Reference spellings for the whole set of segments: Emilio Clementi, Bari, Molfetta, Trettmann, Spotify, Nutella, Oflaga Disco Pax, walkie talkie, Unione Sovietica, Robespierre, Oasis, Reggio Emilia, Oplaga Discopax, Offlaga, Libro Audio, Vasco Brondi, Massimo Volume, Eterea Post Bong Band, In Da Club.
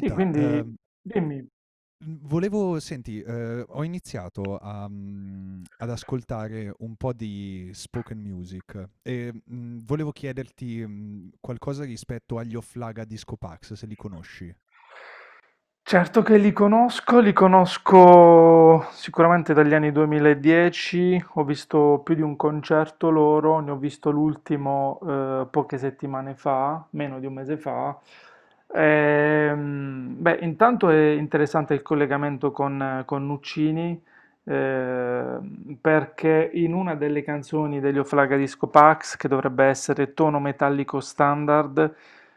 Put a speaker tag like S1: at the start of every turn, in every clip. S1: Sì, quindi dimmi.
S2: mhmm, ho iniziato ad ascoltare un po' di spoken music e, volevo chiederti, qualcosa rispetto agli Oplaga Discopax, se li conosci.
S1: Certo che li conosco sicuramente dagli anni 2010, ho visto più di un concerto loro, ne ho visto l'ultimo, poche settimane fa, meno di un mese fa. Beh, intanto è interessante il collegamento con Nuccini, perché in una delle canzoni degli Oflaga Disco Pax, che dovrebbe essere tono metallico standard,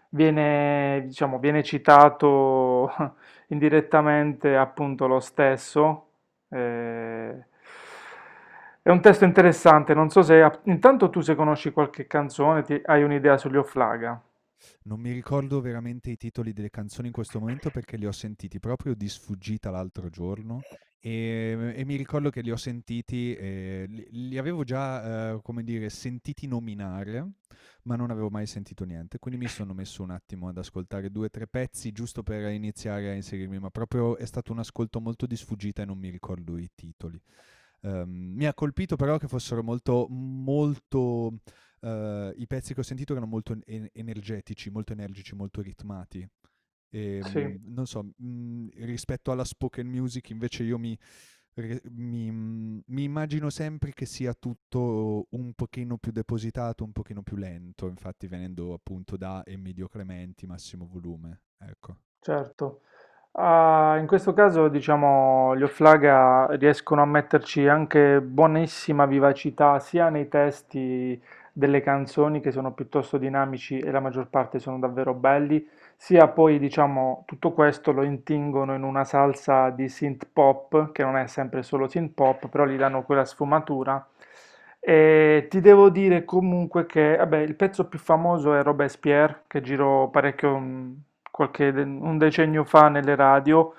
S1: diciamo, viene citato indirettamente appunto lo stesso. eh, è un testo interessante, non so se. Intanto tu, se conosci qualche canzone, hai un'idea sugli Offlaga?
S2: Non mi ricordo veramente i titoli delle canzoni in questo momento perché li ho sentiti proprio di sfuggita l'altro giorno, e mi ricordo che li ho sentiti, li avevo già, come dire, sentiti nominare, ma non avevo mai sentito niente. Quindi mi sono messo un attimo ad ascoltare 2, 3 pezzi giusto per iniziare a inserirmi, ma proprio è stato un ascolto molto di sfuggita e non mi ricordo i titoli. Mi ha colpito però che fossero molto molto, i pezzi che ho sentito erano molto en en energetici, molto energici, molto ritmati.
S1: Sì,
S2: Non so, rispetto alla spoken music invece io mi re mi mhmm, mi immagino sempre che sia tutto un pochino più depositato, un pochino più lento, infatti venendo appunto da Emilio Clementi, Massimo Volume, ecco.
S1: certo. Ah, in questo caso, diciamo, gli Offlaga riescono a metterci anche buonissima vivacità sia nei testi delle canzoni, che sono piuttosto dinamici e la maggior parte sono davvero belli, sia poi, diciamo, tutto questo lo intingono in una salsa di synth pop, che non è sempre solo synth pop, però gli danno quella sfumatura. E ti devo dire comunque che, vabbè, il pezzo più famoso è Robespierre, che girò parecchio, un decennio fa nelle radio,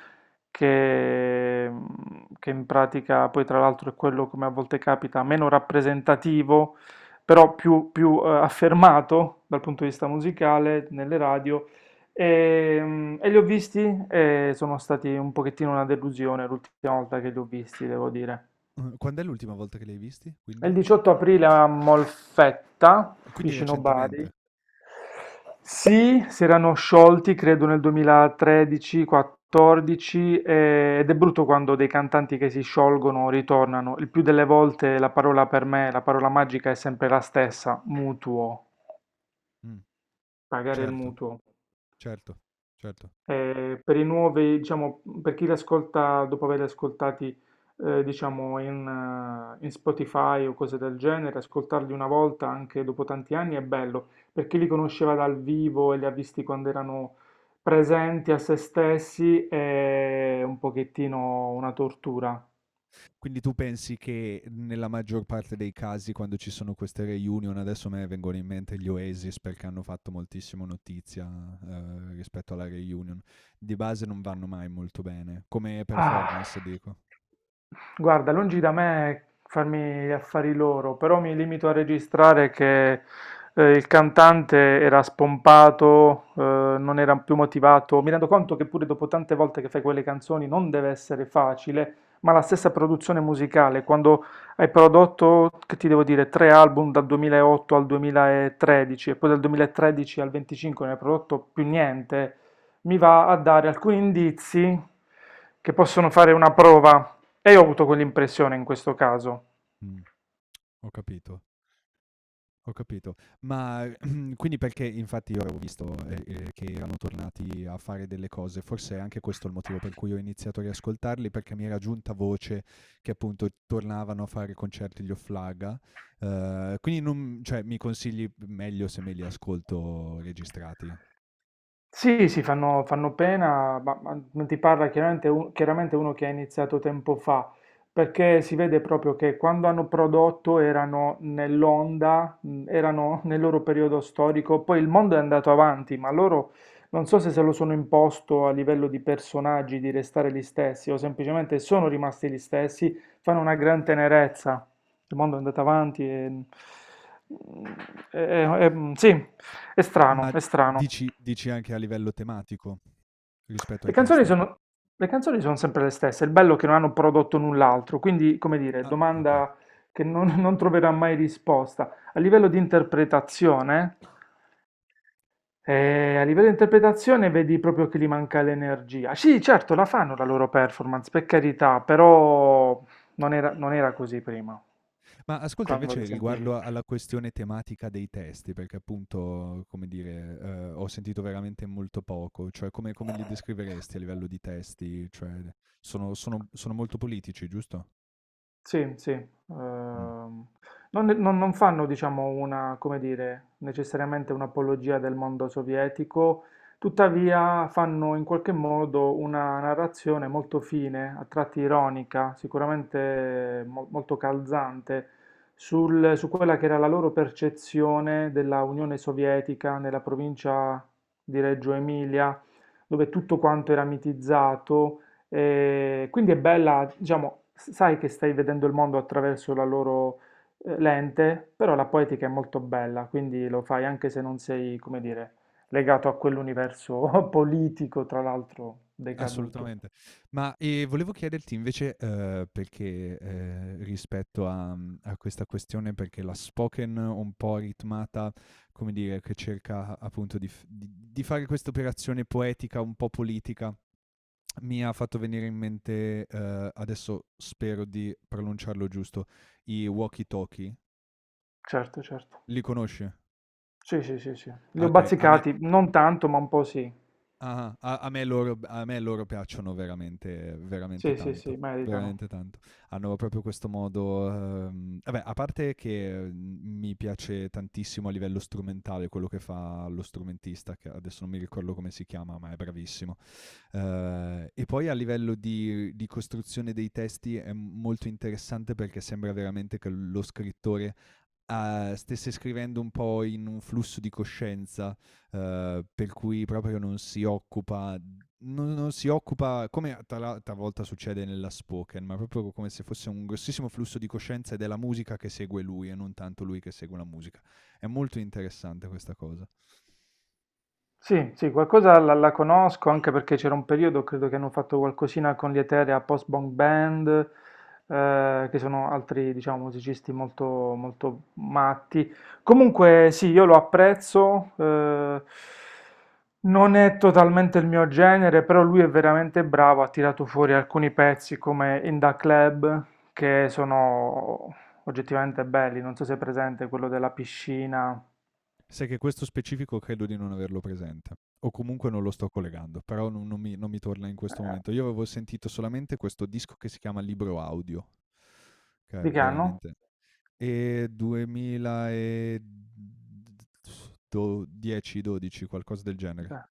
S1: che, mm, che in pratica poi tra l'altro è quello, come a volte capita, meno rappresentativo, però più affermato dal punto di vista musicale nelle radio. E li ho visti e sono stati un pochettino una delusione l'ultima volta che li ho visti, devo dire.
S2: Quand'è l'ultima volta che li hai visti quindi?
S1: Il 18 aprile a Molfetta,
S2: Quindi
S1: vicino Bari.
S2: recentemente.
S1: Sì, si erano sciolti, credo nel 2013-14, ed è brutto quando dei cantanti che si sciolgono ritornano. Il più delle volte la parola per me, la parola magica è sempre la stessa: mutuo,
S2: Mh,
S1: pagare il
S2: certo.
S1: mutuo.
S2: Certo, certo.
S1: Per i nuovi, diciamo, per chi li ascolta dopo averli ascoltati, diciamo, in Spotify o cose del genere, ascoltarli una volta anche dopo tanti anni è bello. Per chi li conosceva dal vivo e li ha visti quando erano presenti a se stessi è un pochettino una tortura.
S2: Quindi tu pensi che nella maggior parte dei casi quando ci sono queste reunion, adesso a me vengono in mente gli Oasis perché hanno fatto moltissimo notizia, rispetto alla reunion, di base non vanno mai molto bene, come
S1: Ah,
S2: performance dico.
S1: guarda, lungi da me farmi gli affari loro, però mi limito a registrare che il cantante era spompato, non era più motivato. Mi rendo conto che pure dopo tante volte che fai quelle canzoni non deve essere facile, ma la stessa produzione musicale, quando hai prodotto, che ti devo dire, tre album dal 2008 al 2013 e poi dal 2013 al 25 non hai prodotto più niente, mi va a dare alcuni indizi che possono fare una prova, e io ho avuto quell'impressione in questo caso.
S2: Mm, ho capito. Ho capito. Ma quindi perché infatti io avevo visto, che erano tornati a fare delle cose, forse è anche questo il motivo per cui ho iniziato a riascoltarli, perché mi era giunta voce che appunto tornavano a fare concerti gli Offlaga, quindi non cioè mi consigli meglio se me li ascolto registrati?
S1: Sì, sì, fanno pena, ma non ti parla chiaramente, chiaramente uno che ha iniziato tempo fa, perché si vede proprio che quando hanno prodotto erano nell'onda, erano nel loro periodo storico, poi il mondo è andato avanti, ma loro non so se lo sono imposto a livello di personaggi di restare gli stessi o semplicemente sono rimasti gli stessi, fanno una gran tenerezza. Il mondo è andato avanti. Sì, è strano,
S2: Ma
S1: è strano.
S2: dici anche a livello tematico rispetto
S1: Le
S2: ai
S1: canzoni
S2: testi?
S1: sono, le canzoni sono sempre le stesse, il bello è che non hanno prodotto null'altro, quindi, come dire,
S2: Ah, okay.
S1: domanda che non, non troverà mai risposta. A livello di interpretazione, a livello di interpretazione vedi proprio che gli manca l'energia. Sì, certo, la fanno la loro performance, per carità, però non era così prima,
S2: Ma ascolta
S1: quando
S2: invece
S1: li sentivi.
S2: riguardo alla questione tematica dei testi, perché appunto, come dire, ho sentito veramente molto poco, cioè come li descriveresti a livello di testi? Cioè sono molto politici, giusto?
S1: Sì, sì.
S2: Mh,
S1: Non fanno, diciamo, una, come dire, necessariamente un'apologia del mondo sovietico, tuttavia fanno in qualche modo una narrazione molto fine, a tratti ironica, sicuramente molto calzante, su quella che era la loro percezione della Unione Sovietica nella provincia di Reggio Emilia, dove tutto quanto era mitizzato. Quindi è bella, diciamo, sai che stai vedendo il mondo attraverso la loro lente, però la poetica è molto bella, quindi lo fai anche se non sei, come dire, legato a quell'universo politico, tra l'altro decaduto.
S2: assolutamente. Ma, volevo chiederti invece, perché, rispetto a questa questione perché la spoken un po' ritmata, come dire, che cerca appunto di f di fare questa operazione poetica un po' politica. Mi ha fatto venire in mente, adesso spero di pronunciarlo giusto, i walkie talkie.
S1: Certo, certo.
S2: Li conosci?
S1: Sì, sì, sì, sì. Li
S2: Ah,
S1: ho
S2: okay, a me
S1: bazzicati, non tanto, ma un po' sì.
S2: ah-ah, a a me loro b a me loro piacciono veramente veramente
S1: Sì, sì, sì,
S2: tanto,
S1: meritano.
S2: veramente tanto. Hanno proprio questo modo. Vabbè, a parte che, mi piace tantissimo a livello strumentale quello che fa lo strumentista, che adesso non mi ricordo come si chiama, ma è bravissimo. E poi a livello di costruzione dei testi è molto interessante perché sembra veramente che lo scrittore, stesse scrivendo un po' in un flusso di coscienza, per cui proprio non si occupa, come talvolta succede nella spoken, ma proprio come se fosse un grossissimo flusso di coscienza ed è la musica che segue lui e non tanto lui che segue la musica. È molto interessante questa cosa.
S1: Sì, sì, qualcosa la conosco anche perché c'era un periodo, credo che hanno fatto qualcosina con gli Eterea Post Bong Band, che sono altri, diciamo, musicisti molto, molto matti. Comunque, sì, io lo apprezzo, non è totalmente il mio genere, però lui è veramente bravo, ha tirato fuori alcuni pezzi come In Da Club, che sono oggettivamente belli, non so se è presente quello della piscina.
S2: Sai che questo specifico credo di non averlo presente, o comunque non lo sto collegando, però non mi torna in questo
S1: Eh,
S2: momento. Io avevo sentito solamente questo disco che si chiama Libro Audio, che è
S1: Di che anno?
S2: veramente, e 2000 e do 10, 12, qualcosa del genere.
S1: Beh.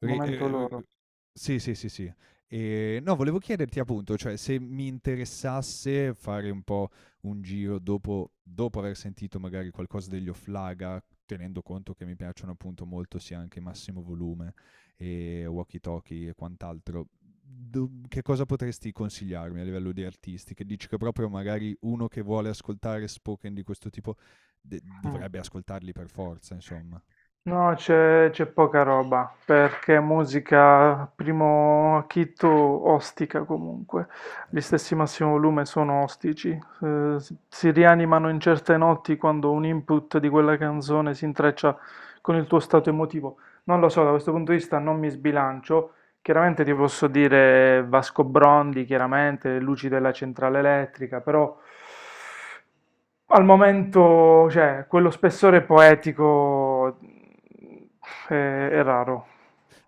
S2: Ri
S1: Momento loro.
S2: Sì, sì, sì, sì. No, volevo chiederti appunto, cioè se mi interessasse fare un po' un giro dopo aver sentito magari qualcosa degli Offlaga, tenendo conto che mi piacciono appunto molto sia anche Massimo Volume e walkie talkie e quant'altro, che cosa potresti consigliarmi a livello di artisti? Che dici che proprio magari uno che vuole ascoltare spoken di questo tipo
S1: Mm.
S2: dovrebbe ascoltarli per forza, insomma.
S1: No, c'è poca roba, perché musica primo acchito ostica comunque. Gli stessi Massimo Volume sono ostici. Si rianimano in certe notti quando un input di quella canzone si intreccia con il tuo stato emotivo. Non lo so, da questo punto di vista non mi sbilancio. Chiaramente ti posso dire Vasco Brondi, chiaramente, le luci della centrale elettrica, però al momento, cioè, quello spessore poetico è raro.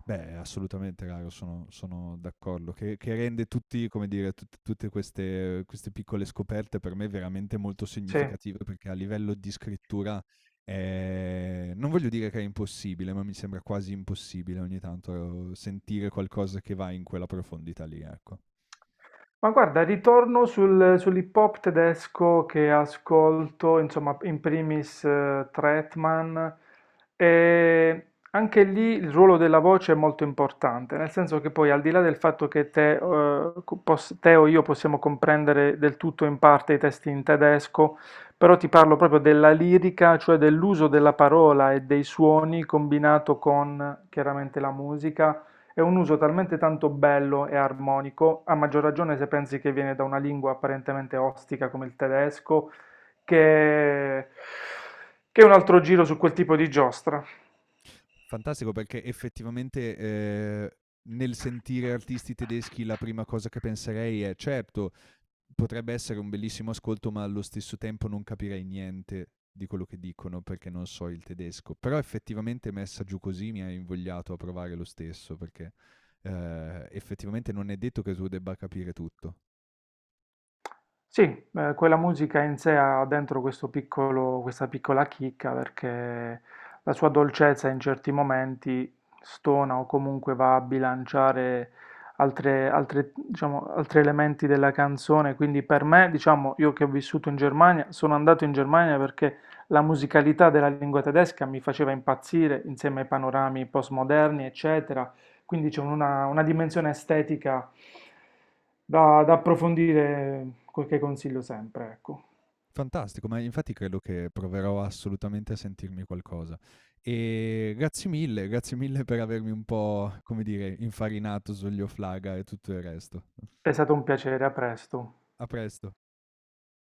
S2: Beh, assolutamente, Caro, sono d'accordo. Che rende tutti, come dire, tutte queste piccole scoperte per me veramente molto
S1: Sì.
S2: significative, perché a livello di scrittura non voglio dire che è impossibile, ma mi sembra quasi impossibile ogni tanto sentire qualcosa che va in quella profondità lì, ecco.
S1: Ma guarda, ritorno sull'hip hop tedesco che ascolto, insomma, in primis Trettmann, e anche lì il ruolo della voce è molto importante, nel senso che poi al di là del fatto che te o io possiamo comprendere del tutto in parte i testi in tedesco, però ti parlo proprio della lirica, cioè dell'uso della parola e dei suoni combinato con chiaramente la musica è un uso talmente tanto bello e armonico, a maggior ragione se pensi che viene da una lingua apparentemente ostica come il tedesco, che, che è un altro giro su quel tipo di giostra.
S2: Fantastico, perché effettivamente, nel sentire artisti tedeschi la prima cosa che penserei è, certo, potrebbe essere un bellissimo ascolto, ma allo stesso tempo non capirei niente di quello che dicono perché non so il tedesco. Però effettivamente messa giù così mi ha invogliato a provare lo stesso, perché, effettivamente non è detto che tu debba capire tutto.
S1: Sì, quella musica in sé ha dentro questo piccolo, questa piccola chicca, perché la sua dolcezza in certi momenti stona o comunque va a bilanciare altre, diciamo, altri elementi della canzone. Quindi per me, diciamo, io che ho vissuto in Germania, sono andato in Germania perché la musicalità della lingua tedesca mi faceva impazzire insieme ai panorami postmoderni, eccetera. Quindi c'è una dimensione estetica da approfondire, quel che consiglio sempre, ecco.
S2: Fantastico, ma infatti credo che proverò assolutamente a sentirmi qualcosa. E grazie mille per avermi un po', come dire, infarinato sugli Oflaga e tutto il resto.
S1: È stato un piacere, a presto.
S2: A presto.